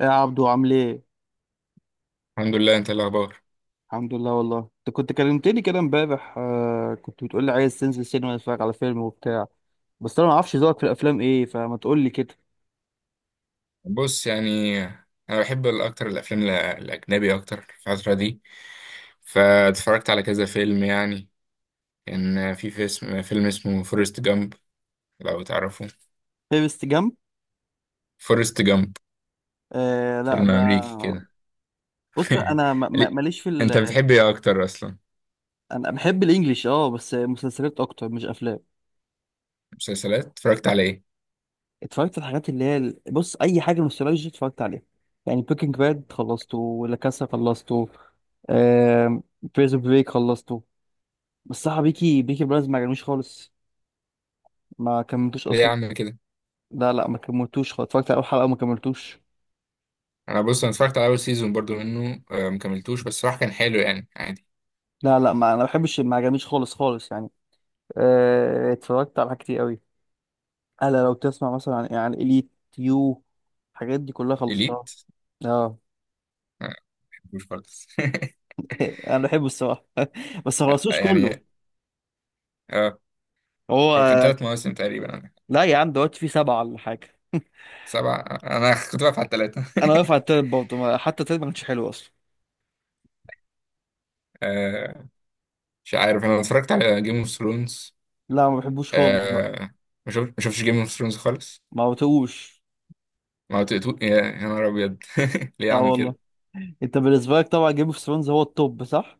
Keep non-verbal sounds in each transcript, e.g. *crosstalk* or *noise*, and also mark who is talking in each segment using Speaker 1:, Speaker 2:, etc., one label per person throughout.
Speaker 1: إيه يا عبدو عامل ايه؟
Speaker 2: الحمد لله. انت ايه الاخبار؟
Speaker 1: الحمد لله والله. انت كنت كلمتني كده امبارح، آه، كنت بتقول لي عايز تنزل سينما تتفرج على فيلم وبتاع. بس انا ما اعرفش ذوقك في الافلام ايه، فما تقول لي كده.
Speaker 2: بص، يعني انا بحب اكتر الافلام الاجنبي اكتر في الفتره دي. فاتفرجت على كذا فيلم، يعني كان في فيلم اسمه فورست جامب، لو تعرفه.
Speaker 1: فيرست جامب؟
Speaker 2: فورست جامب،
Speaker 1: آه لا
Speaker 2: فيلم امريكي
Speaker 1: ده.
Speaker 2: كده.
Speaker 1: بص
Speaker 2: *laughs*
Speaker 1: انا
Speaker 2: ليه؟
Speaker 1: ماليش في
Speaker 2: انت بتحب ايه اكتر اصلا؟
Speaker 1: انا بحب الانجليش، اه، بس مسلسلات اكتر مش افلام.
Speaker 2: مسلسلات اتفرجت على ايه؟
Speaker 1: اتفرجت على الحاجات اللي هي بص اي حاجه نوستالجيا اتفرجت عليها. يعني بيكنج باد خلصته، ولا كاسا خلصته، آه، بريزون بريك خلصته. بس صح، بيكي بيكي بلايندرز ما عجبنيش خالص، ما كملتوش
Speaker 2: ليه يا
Speaker 1: اصلا.
Speaker 2: عم كده؟
Speaker 1: لا، ما كملتوش خالص، اتفرجت على اول حلقه وما كملتوش.
Speaker 2: انا، بص، انا اتفرجت على اول سيزون برضو منه، مكملتوش. بس صراحه كان حلو، يعني عادي.
Speaker 1: لا، ما بحبش، ما عجبنيش خالص خالص يعني. آه، اتفرجت على حاجات كتير قوي. انا لو تسمع مثلا عن اليت، يو، الحاجات دي كلها خلصتها.
Speaker 2: اليت؟
Speaker 1: اه
Speaker 2: آه، مش خالص.
Speaker 1: انا بحبه الصراحه. *laughs* بس ما
Speaker 2: *laughs*
Speaker 1: خلصتوش كله.
Speaker 2: يعني، اه.
Speaker 1: هو
Speaker 2: هو كان ثلاث مواسم تقريبا.
Speaker 1: لا يا عم، دلوقتي في سبعه ولا حاجه.
Speaker 2: سبعة؟ أنا كنت بقف على التلاتة.
Speaker 1: انا واقف على التالت برضه، حتى التالت ما كانش حلو اصلا.
Speaker 2: *laughs* آه، مش عارف. أنا اتفرجت على جيم اوف ثرونز.
Speaker 1: لا ما بحبوش خالص بقى،
Speaker 2: آه، ما شفتش جيم اوف ثرونز خالص.
Speaker 1: ما بتقوش.
Speaker 2: ما هو يا نهار أبيض! *laughs* ليه يا
Speaker 1: اه
Speaker 2: عم
Speaker 1: والله.
Speaker 2: كده؟
Speaker 1: انت بالنسبه لك طبعا جيم اوف ثرونز هو التوب صح؟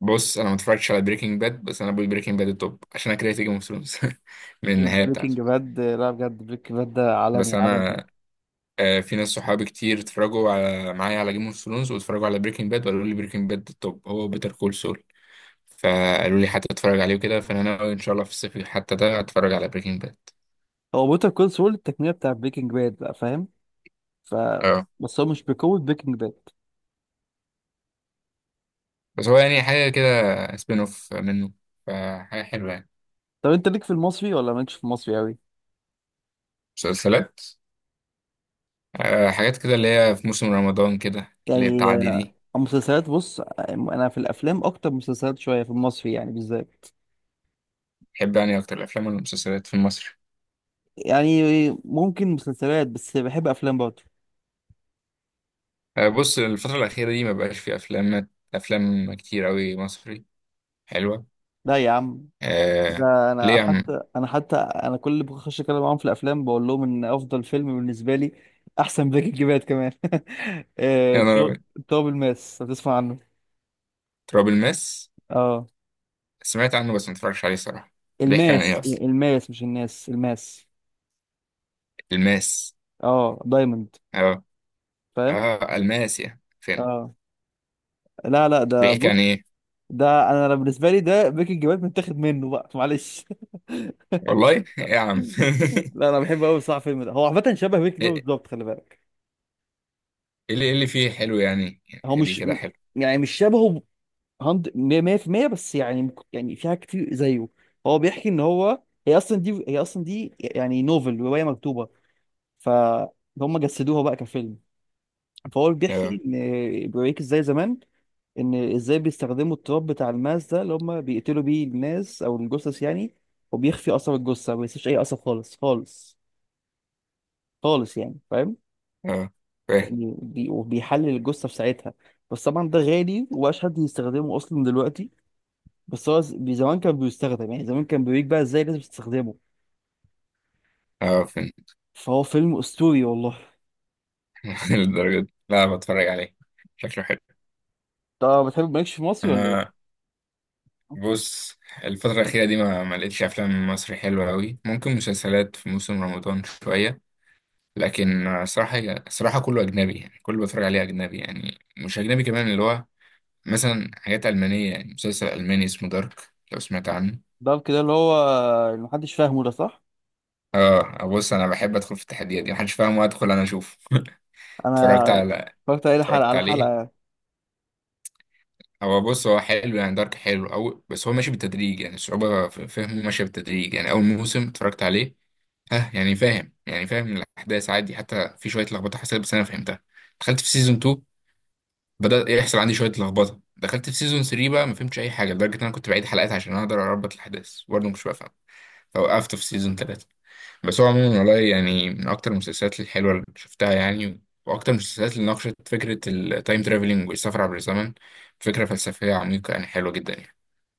Speaker 2: بص، أنا ما اتفرجتش على بريكنج باد، بس أنا بقول بريكنج باد التوب عشان أنا كرهت جيم اوف ثرونز. *laughs* من النهاية بتاعته.
Speaker 1: بريكنج باد لا، بجد بريكنج باد ده عالمي
Speaker 2: بس
Speaker 1: عالمي.
Speaker 2: أنا، في ناس صحابي كتير اتفرجوا على معايا على جيم اوف ثرونز واتفرجوا على بريكنج باد وقالوا لي بريكنج باد التوب، هو بيتر كول سول. فقالوا لي حتى اتفرج عليه وكده، فأنا ناوي إن شاء الله في الصيف حتى ده أتفرج على بريكنج
Speaker 1: هو بوتر كول سول التقنيه بتاع بريكنج باد بقى، فاهم؟ ف
Speaker 2: باد.
Speaker 1: بس هو مش بقوه بريكنج باد.
Speaker 2: بس هو يعني حاجة كده، سبين اوف منه، فحاجة حلوة يعني.
Speaker 1: طب انت ليك في المصري ولا مالكش في المصري قوي؟
Speaker 2: مسلسلات؟ حاجات كده اللي هي في موسم رمضان كده اللي هي
Speaker 1: يعني
Speaker 2: بتعدي
Speaker 1: آه،
Speaker 2: دي.
Speaker 1: المسلسلات، بص، آه، انا في الافلام اكتر من مسلسلات شويه في المصري يعني بالذات.
Speaker 2: بحب يعني أكتر الأفلام ولا المسلسلات في المصري؟
Speaker 1: يعني ممكن مسلسلات، بس بحب افلام برضه.
Speaker 2: بص، الفترة الأخيرة دي مبقاش في أفلام كتير أوي مصري حلوة.
Speaker 1: لا يا عم.
Speaker 2: آه.
Speaker 1: لا
Speaker 2: ليه
Speaker 1: انا
Speaker 2: يا عم؟
Speaker 1: حتى انا حتى انا كل اللي بخش اتكلم معاهم في الافلام بقول لهم ان افضل فيلم بالنسبه لي احسن بريكنج باد كمان. *laughs* آه، تراب،
Speaker 2: أنا...
Speaker 1: تراب الماس، هتسمع عنه.
Speaker 2: تراب الماس.
Speaker 1: اه
Speaker 2: سمعت عنه بس متفرجش عليه صراحة. بيحكي عن إيه
Speaker 1: الماس،
Speaker 2: أصلا؟
Speaker 1: الماس مش الناس، الماس.
Speaker 2: الماس؟
Speaker 1: اه، دايموند.
Speaker 2: أه.
Speaker 1: فاهم.
Speaker 2: أه، الماس يعني فين؟
Speaker 1: اه لا لا ده
Speaker 2: بيحكي عن
Speaker 1: بص،
Speaker 2: إيه؟
Speaker 1: ده انا بالنسبه لي ده بيكنج باد متاخد منه بقى، معلش. *laughs*
Speaker 2: والله! *laughs* إيه يا عم؟
Speaker 1: لا انا بحب قوي صح، الفيلم ده هو عامه شبه بيكنج
Speaker 2: *laughs*
Speaker 1: باد
Speaker 2: إيه؟
Speaker 1: بالظبط، خلي بالك.
Speaker 2: ايه اللي فيه حلو يعني؟
Speaker 1: هو
Speaker 2: خليه
Speaker 1: مش،
Speaker 2: كده حلو.
Speaker 1: يعني مش شبهه 100%، بس يعني يعني في حاجات كتير زيه. هو بيحكي ان هو هي اصلا دي هي اصلا دي يعني نوفل، روايه مكتوبه، فهم جسدوها بقى كفيلم. فهو
Speaker 2: اه
Speaker 1: بيحكي ان بيوريك ازاي زمان، ان ازاي بيستخدموا التراب بتاع الماس ده اللي هم بيقتلوا بيه الناس او الجثث يعني. وبيخفي اثر الجثه، ما بيسيبش اي اثر خالص خالص خالص يعني، فاهم؟
Speaker 2: اه فاهم.
Speaker 1: يعني وبيحلل الجثه في ساعتها. بس طبعا ده غالي ومبقاش حد يستخدمه اصلا دلوقتي. بس هو زمان كان بيستخدم، يعني زمان كان بيوريك بقى ازاي لازم تستخدمه.
Speaker 2: اه، فاهم.
Speaker 1: فهو فيلم اسطوري والله.
Speaker 2: *laughs* للدرجة دي؟ لا، بتفرج عليه. شكله حلو.
Speaker 1: طب بتحب، مالكش في مصري ولا ايه؟
Speaker 2: انا،
Speaker 1: *laughs*
Speaker 2: بص، الفترة الأخيرة دي ما لقيتش أفلام مصري حلوة أوي. ممكن مسلسلات في موسم رمضان شوية. لكن صراحة، صراحة كله أجنبي، يعني كله بتفرج عليه أجنبي، يعني مش أجنبي كمان اللي هو مثلا حاجات ألمانية، يعني مسلسل ألماني اسمه دارك، لو سمعت عنه.
Speaker 1: ده كده اللي هو اللي محدش فاهمه ده، صح؟
Speaker 2: اه، بص، أنا بحب أدخل في التحديات دي محدش فاهم وأدخل أنا أشوفه. *laughs* اتفرجت
Speaker 1: انا
Speaker 2: على
Speaker 1: اتفرجت عليه حلقه
Speaker 2: اتفرجت
Speaker 1: على
Speaker 2: عليه.
Speaker 1: حلقه.
Speaker 2: هو، بص، هو حلو يعني. دارك حلو أوي، بس هو ماشي بالتدريج، يعني الصعوبة في فهمه ماشية بالتدريج. يعني أول موسم اتفرجت عليه، ها، يعني فاهم، يعني فاهم الأحداث عادي. حتى في شوية لخبطة حصلت بس أنا فهمتها. دخلت في سيزون 2، بدأ يحصل عندي شوية لخبطة. دخلت في سيزون 3، بقى ما فهمتش أي حاجة، لدرجة إن أنا كنت بعيد حلقات عشان أقدر أربط الأحداث، برضه مش بفهم. فوقفت في سيزون 3. بس هو عموما والله، يعني من أكتر المسلسلات الحلوة اللي شفتها، يعني، وأكتر المسلسلات اللي ناقشت فكرة التايم ترافلينج والسفر عبر الزمن. فكرة فلسفية عميقة، يعني حلوة جدا يعني.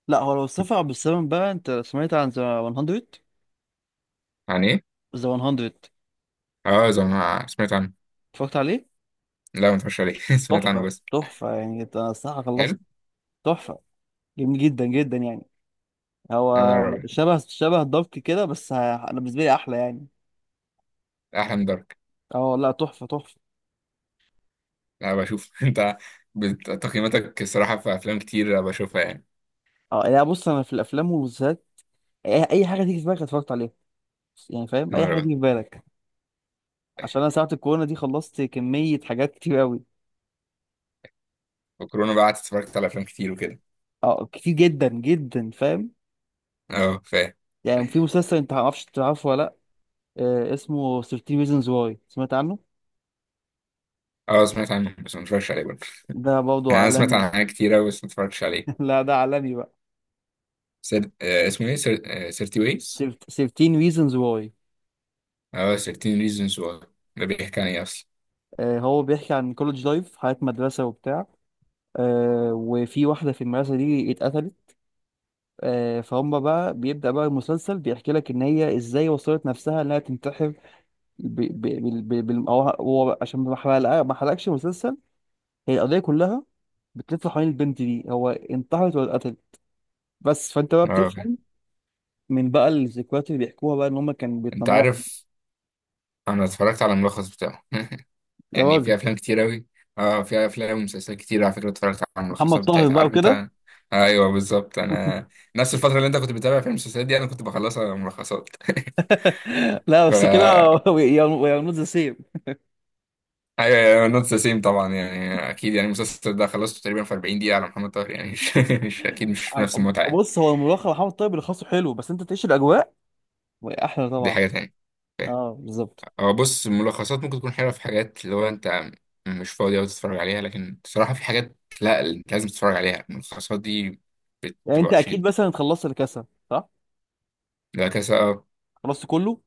Speaker 1: لا هو لو السفر بالسلام بقى، انت سمعت عن ذا 100؟
Speaker 2: عن ايه؟
Speaker 1: ذا 100،
Speaker 2: اه، زي ما سمعت عنه.
Speaker 1: اتفرجت عليه؟
Speaker 2: لا، ما اتفرجش عليه. *laughs* سمعت عنه
Speaker 1: تحفة
Speaker 2: بس.
Speaker 1: تحفة يعني، انا الصراحة خلصت.
Speaker 2: حلو.
Speaker 1: تحفة، جميل جدا جدا يعني.
Speaker 2: انا
Speaker 1: هو
Speaker 2: راجل.
Speaker 1: شبه شبه دارك كده، بس انا بالنسبة لي احلى يعني.
Speaker 2: احلم دارك.
Speaker 1: اه لا، تحفة تحفة.
Speaker 2: لا، بشوف. *laughs* انت تقييماتك الصراحه في افلام كتير بشوفها يعني.
Speaker 1: اه لا بص، انا في الافلام والمسلسلات اي أي حاجة تيجي في بالك اتفرجت عليها، يعني فاهم،
Speaker 2: انا
Speaker 1: اي حاجة
Speaker 2: راجل.
Speaker 1: تيجي في بالك. عشان انا ساعة الكورونا دي خلصت كمية حاجات كتير قوي.
Speaker 2: وكورونا بقى قعدت اتفرجت على افلام كتير وكده.
Speaker 1: اه كتير جدا جدا، فاهم.
Speaker 2: اه، فاهم.
Speaker 1: يعني في مسلسل انت ما تعرفش تعرفه ولا، آه، اسمه 13 reasons why، سمعت عنه؟
Speaker 2: اه، سمعت عنه بس ما اتفرجش عليه برضه.
Speaker 1: ده
Speaker 2: *laughs*
Speaker 1: برضه
Speaker 2: يعني انا سمعت
Speaker 1: عالمي.
Speaker 2: عن حاجات كتير أوي بس ما اتفرجتش عليه.
Speaker 1: *laughs* لا ده عالمي بقى.
Speaker 2: اسمه ايه؟ آه، 30 ways.
Speaker 1: 13 reasons why،
Speaker 2: اه، 13 reasons why. ده بيحكي عن ايه اصلا؟
Speaker 1: آه، هو بيحكي عن كولج لايف، حياة مدرسة وبتاع. آه، وفي واحدة في المدرسة دي اتقتلت. آه، فهم بقى بيبدأ بقى المسلسل بيحكي لك إن هي إزاي وصلت نفسها إنها تنتحر. هو بقى، عشان ما حرقش المسلسل. هي القضية كلها بتلف حوالين البنت دي هو انتحرت ولا اتقتلت. بس فأنت بقى
Speaker 2: اه، أوكي.
Speaker 1: بتفهم من بقى الذكريات اللي بيحكوها بقى ان هم كانوا
Speaker 2: انت
Speaker 1: بيتنمروا.
Speaker 2: عارف؟ انا اتفرجت على الملخص بتاعه. *laughs*
Speaker 1: يا
Speaker 2: يعني في
Speaker 1: راجل.
Speaker 2: افلام كتير اوي. اه، في افلام ومسلسلات كتير على فكره اتفرجت على
Speaker 1: محمد
Speaker 2: الملخصات
Speaker 1: طاهر
Speaker 2: بتاعتها،
Speaker 1: بقى
Speaker 2: عارف
Speaker 1: وكده.
Speaker 2: انت. ايوه بالظبط.
Speaker 1: *laughs*
Speaker 2: انا نفس الفتره اللي انت كنت بتتابع فيها المسلسلات دي انا كنت بخلصها ملخصات.
Speaker 1: لا
Speaker 2: *laughs*
Speaker 1: بس كده.
Speaker 2: ف
Speaker 1: *laughs* يا، نوت ذا سيم.
Speaker 2: ايوه، نوت ذا سيم طبعا، يعني اكيد، يعني المسلسل ده خلصته تقريبا في 40 دقيقه على محمد طاهر يعني. *laughs* مش اكيد مش نفس المتعه يعني.
Speaker 1: بص هو الملوخيه محمد طاهر اللي خاصه حلو، بس انت تعيش الاجواء احلى
Speaker 2: دي
Speaker 1: طبعا.
Speaker 2: حاجه تانية.
Speaker 1: اه بالظبط.
Speaker 2: هو، بص، الملخصات ممكن تكون حلوه في حاجات اللي هو انت مش فاضي أوي تتفرج عليها، لكن بصراحه في حاجات لا، انت لازم تتفرج عليها. الملخصات دي
Speaker 1: يعني
Speaker 2: بتبقى
Speaker 1: انت
Speaker 2: وحشه
Speaker 1: اكيد
Speaker 2: جدا.
Speaker 1: مثلا خلصت الكاسه صح؟
Speaker 2: لا، كذا.
Speaker 1: خلصت كله؟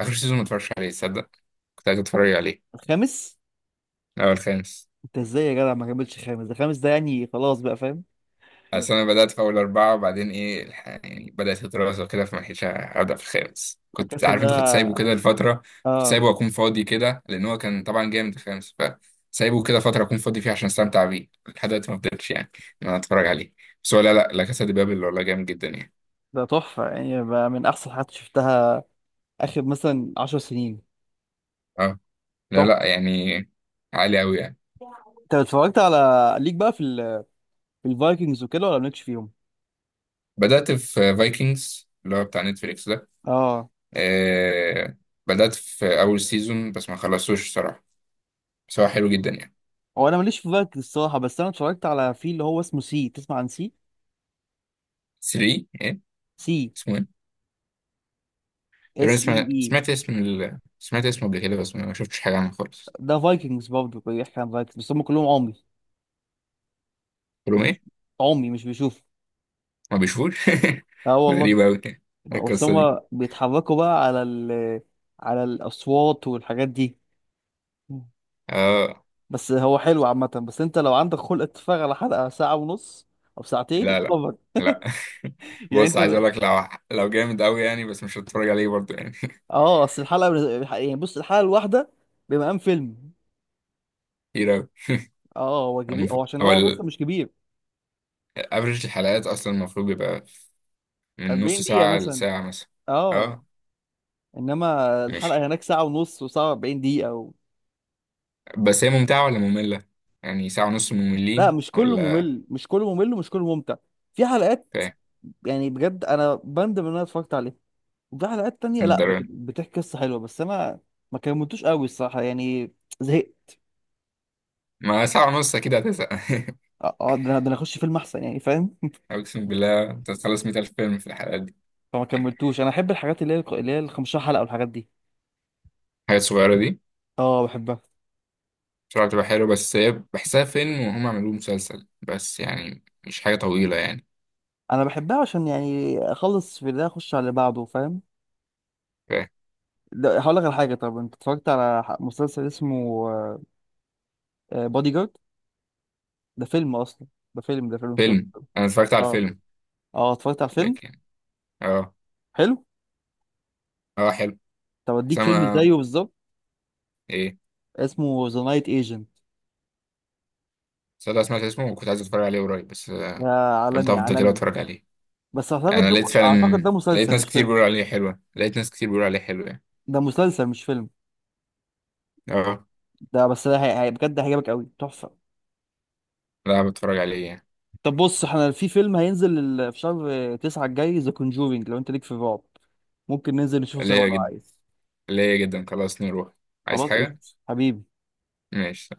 Speaker 2: آخر سيزون ما اتفرجش عليه، تصدق. كنت عايز اتفرج عليه.
Speaker 1: الخامس؟
Speaker 2: الأول خامس.
Speaker 1: انت ازاي يا جدع ما كملتش خامس؟ ده خامس ده يعني خلاص بقى، فاهم.
Speaker 2: أصل أنا بدأت في أول أربعة وبعدين إيه يعني بدأت الدراسة وكده، فما لحقتش أبدأ في الخامس. كنت
Speaker 1: الكاسه
Speaker 2: عارف أنت كنت
Speaker 1: ده.
Speaker 2: سايبه كده لفترة. كنت
Speaker 1: اه.
Speaker 2: سايبه أكون فاضي كده، لأن هو كان طبعا جامد الخامس. فسايبه كده فترة أكون فاضي فيها عشان أستمتع بيه، لحد دلوقتي ما فضلتش يعني إن أنا أتفرج عليه. بس هو، لا لا لا، كاسا دي بابل والله جامد جدا يعني.
Speaker 1: ده تحفه يعني، بقى من احسن حاجات شفتها اخر مثلا 10 سنين.
Speaker 2: أه، لا لا
Speaker 1: تحفه.
Speaker 2: يعني. عالي أوي يعني.
Speaker 1: انت اتفرجت على ليك بقى في في الفايكنجز وكده ولا مالكش فيهم؟
Speaker 2: بدأت في فايكنجز اللي هو بتاع نتفليكس ده.
Speaker 1: اه
Speaker 2: آه. بدأت في أول سيزون بس ما خلصتوش الصراحة. بس هو حلو جدا يعني.
Speaker 1: هو انا ماليش في فايكنج الصراحه، بس انا اتفرجت على في اللي هو اسمه سي، تسمع عن سي؟
Speaker 2: 3 إيه؟
Speaker 1: سي،
Speaker 2: اسمه إيه؟
Speaker 1: اس
Speaker 2: تقريبا
Speaker 1: اي اي.
Speaker 2: سمعت اسمه قبل كده، بس ما شفتش حاجة عنه خالص.
Speaker 1: ده فايكنجز برضه، بيحكي عن فايكنجز بس هم كلهم عمي.
Speaker 2: قلت
Speaker 1: مش
Speaker 2: لهم
Speaker 1: بيش...
Speaker 2: إيه؟
Speaker 1: عمي مش بيشوف.
Speaker 2: ما بيشوفوش؟
Speaker 1: اه
Speaker 2: *laughs* ده
Speaker 1: والله.
Speaker 2: غريب أوي يعني.
Speaker 1: بس
Speaker 2: القصة دي.
Speaker 1: هم بيتحركوا بقى على على الاصوات والحاجات دي.
Speaker 2: آه.
Speaker 1: بس هو حلو عامه، بس انت لو عندك خلق تتفرج على حلقه ساعه ونص او ساعتين،
Speaker 2: لا لا
Speaker 1: اتفرج.
Speaker 2: لا.
Speaker 1: *laughs*
Speaker 2: *laughs*
Speaker 1: يعني
Speaker 2: بص، عايز
Speaker 1: انت،
Speaker 2: أقول لك، لو جامد أوي يعني بس مش هتفرج عليه برضه يعني.
Speaker 1: اه، يعني بص الحلقه الواحده بمقام فيلم.
Speaker 2: *laughs* كتير أوي.
Speaker 1: اه هو كبير، هو عشان
Speaker 2: هو
Speaker 1: هو بس مش كبير.
Speaker 2: الأفرج الحلقات أصلا المفروض بيبقى من نص
Speaker 1: 40 دقيقة
Speaker 2: ساعة
Speaker 1: مثلا.
Speaker 2: لساعة مثلا.
Speaker 1: اه
Speaker 2: آه.
Speaker 1: انما الحلقه
Speaker 2: ماشي.
Speaker 1: هناك ساعه ونص وساعه 40 دقيقه.
Speaker 2: بس هي ممتعة ولا مملة؟ يعني ساعة ونص
Speaker 1: لا
Speaker 2: مملين
Speaker 1: مش كله
Speaker 2: ولا؟
Speaker 1: ممل، مش كله ممل ومش كله ممتع. في حلقات
Speaker 2: فاهم.
Speaker 1: يعني بجد انا بندم ان انا اتفرجت عليها، وفي حلقات تانية
Speaker 2: من
Speaker 1: لا
Speaker 2: الدرجة؟
Speaker 1: بتحكي قصه حلوه، بس انا ما كملتوش قوي الصراحه يعني، زهقت.
Speaker 2: ما ساعة ونص أكيد هتزهق.
Speaker 1: اه آه، ده انا ده أنا اخش فيلم احسن يعني، فاهم.
Speaker 2: *laughs* أقسم بالله أنت هتخلص 100,000 فيلم في الحلقات دي.
Speaker 1: *laughs* فما كملتوش، انا احب الحاجات اللي هي اللي هي ال 15 حلقه والحاجات دي.
Speaker 2: الحاجات الصغيرة دي
Speaker 1: اه بحبها،
Speaker 2: بصراحة بتبقى حلوة، بس هي بحسها فيلم وهم عملوه مسلسل بس، يعني مش حاجة طويلة يعني.
Speaker 1: انا بحبها عشان يعني اخلص في ده اخش على اللي بعده، فاهم.
Speaker 2: فاهم.
Speaker 1: هقول لك على حاجه، طب انت اتفرجت على مسلسل اسمه بادي جارد؟ ده فيلم اصلا، ده فيلم سوري.
Speaker 2: فيلم؟ أنا اتفرجت على
Speaker 1: اه.
Speaker 2: الفيلم.
Speaker 1: اه اتفرجت على الفيلم،
Speaker 2: لكن... أه.
Speaker 1: حلو.
Speaker 2: أه، حلو.
Speaker 1: طب
Speaker 2: بس
Speaker 1: اديك فيلم
Speaker 2: أنا...
Speaker 1: زيه بالظبط،
Speaker 2: إيه؟
Speaker 1: اسمه ذا نايت ايجنت.
Speaker 2: صدق، سمعت اسمه وكنت عايز أتفرج عليه قريب بس
Speaker 1: ده
Speaker 2: قلت
Speaker 1: عالمي
Speaker 2: أفضل كده
Speaker 1: عالمي.
Speaker 2: أتفرج عليه.
Speaker 1: بس
Speaker 2: يعني
Speaker 1: اعتقد
Speaker 2: أنا
Speaker 1: ده،
Speaker 2: لقيت
Speaker 1: اعتقد
Speaker 2: فعلا،
Speaker 1: ده
Speaker 2: لقيت
Speaker 1: مسلسل
Speaker 2: ناس
Speaker 1: مش
Speaker 2: كتير
Speaker 1: فيلم.
Speaker 2: بيقولوا عليه حلوة، لقيت ناس كتير بيقولوا عليه حلو يعني.
Speaker 1: ده مسلسل مش فيلم.
Speaker 2: أه.
Speaker 1: ده بس ده بجد هيعجبك قوي، تحفه.
Speaker 2: لا، بتفرج عليه يعني.
Speaker 1: طب بص، احنا في فيلم هينزل في شهر تسعة الجاي، ذا كونجورينج، لو انت ليك في الرعب ممكن ننزل نشوفه سوا
Speaker 2: ليا
Speaker 1: لو
Speaker 2: جدا.
Speaker 1: عايز.
Speaker 2: ليا جدا، خلاص نروح. عايز
Speaker 1: خلاص
Speaker 2: حاجة.
Speaker 1: قشطة حبيبي.
Speaker 2: ماشي.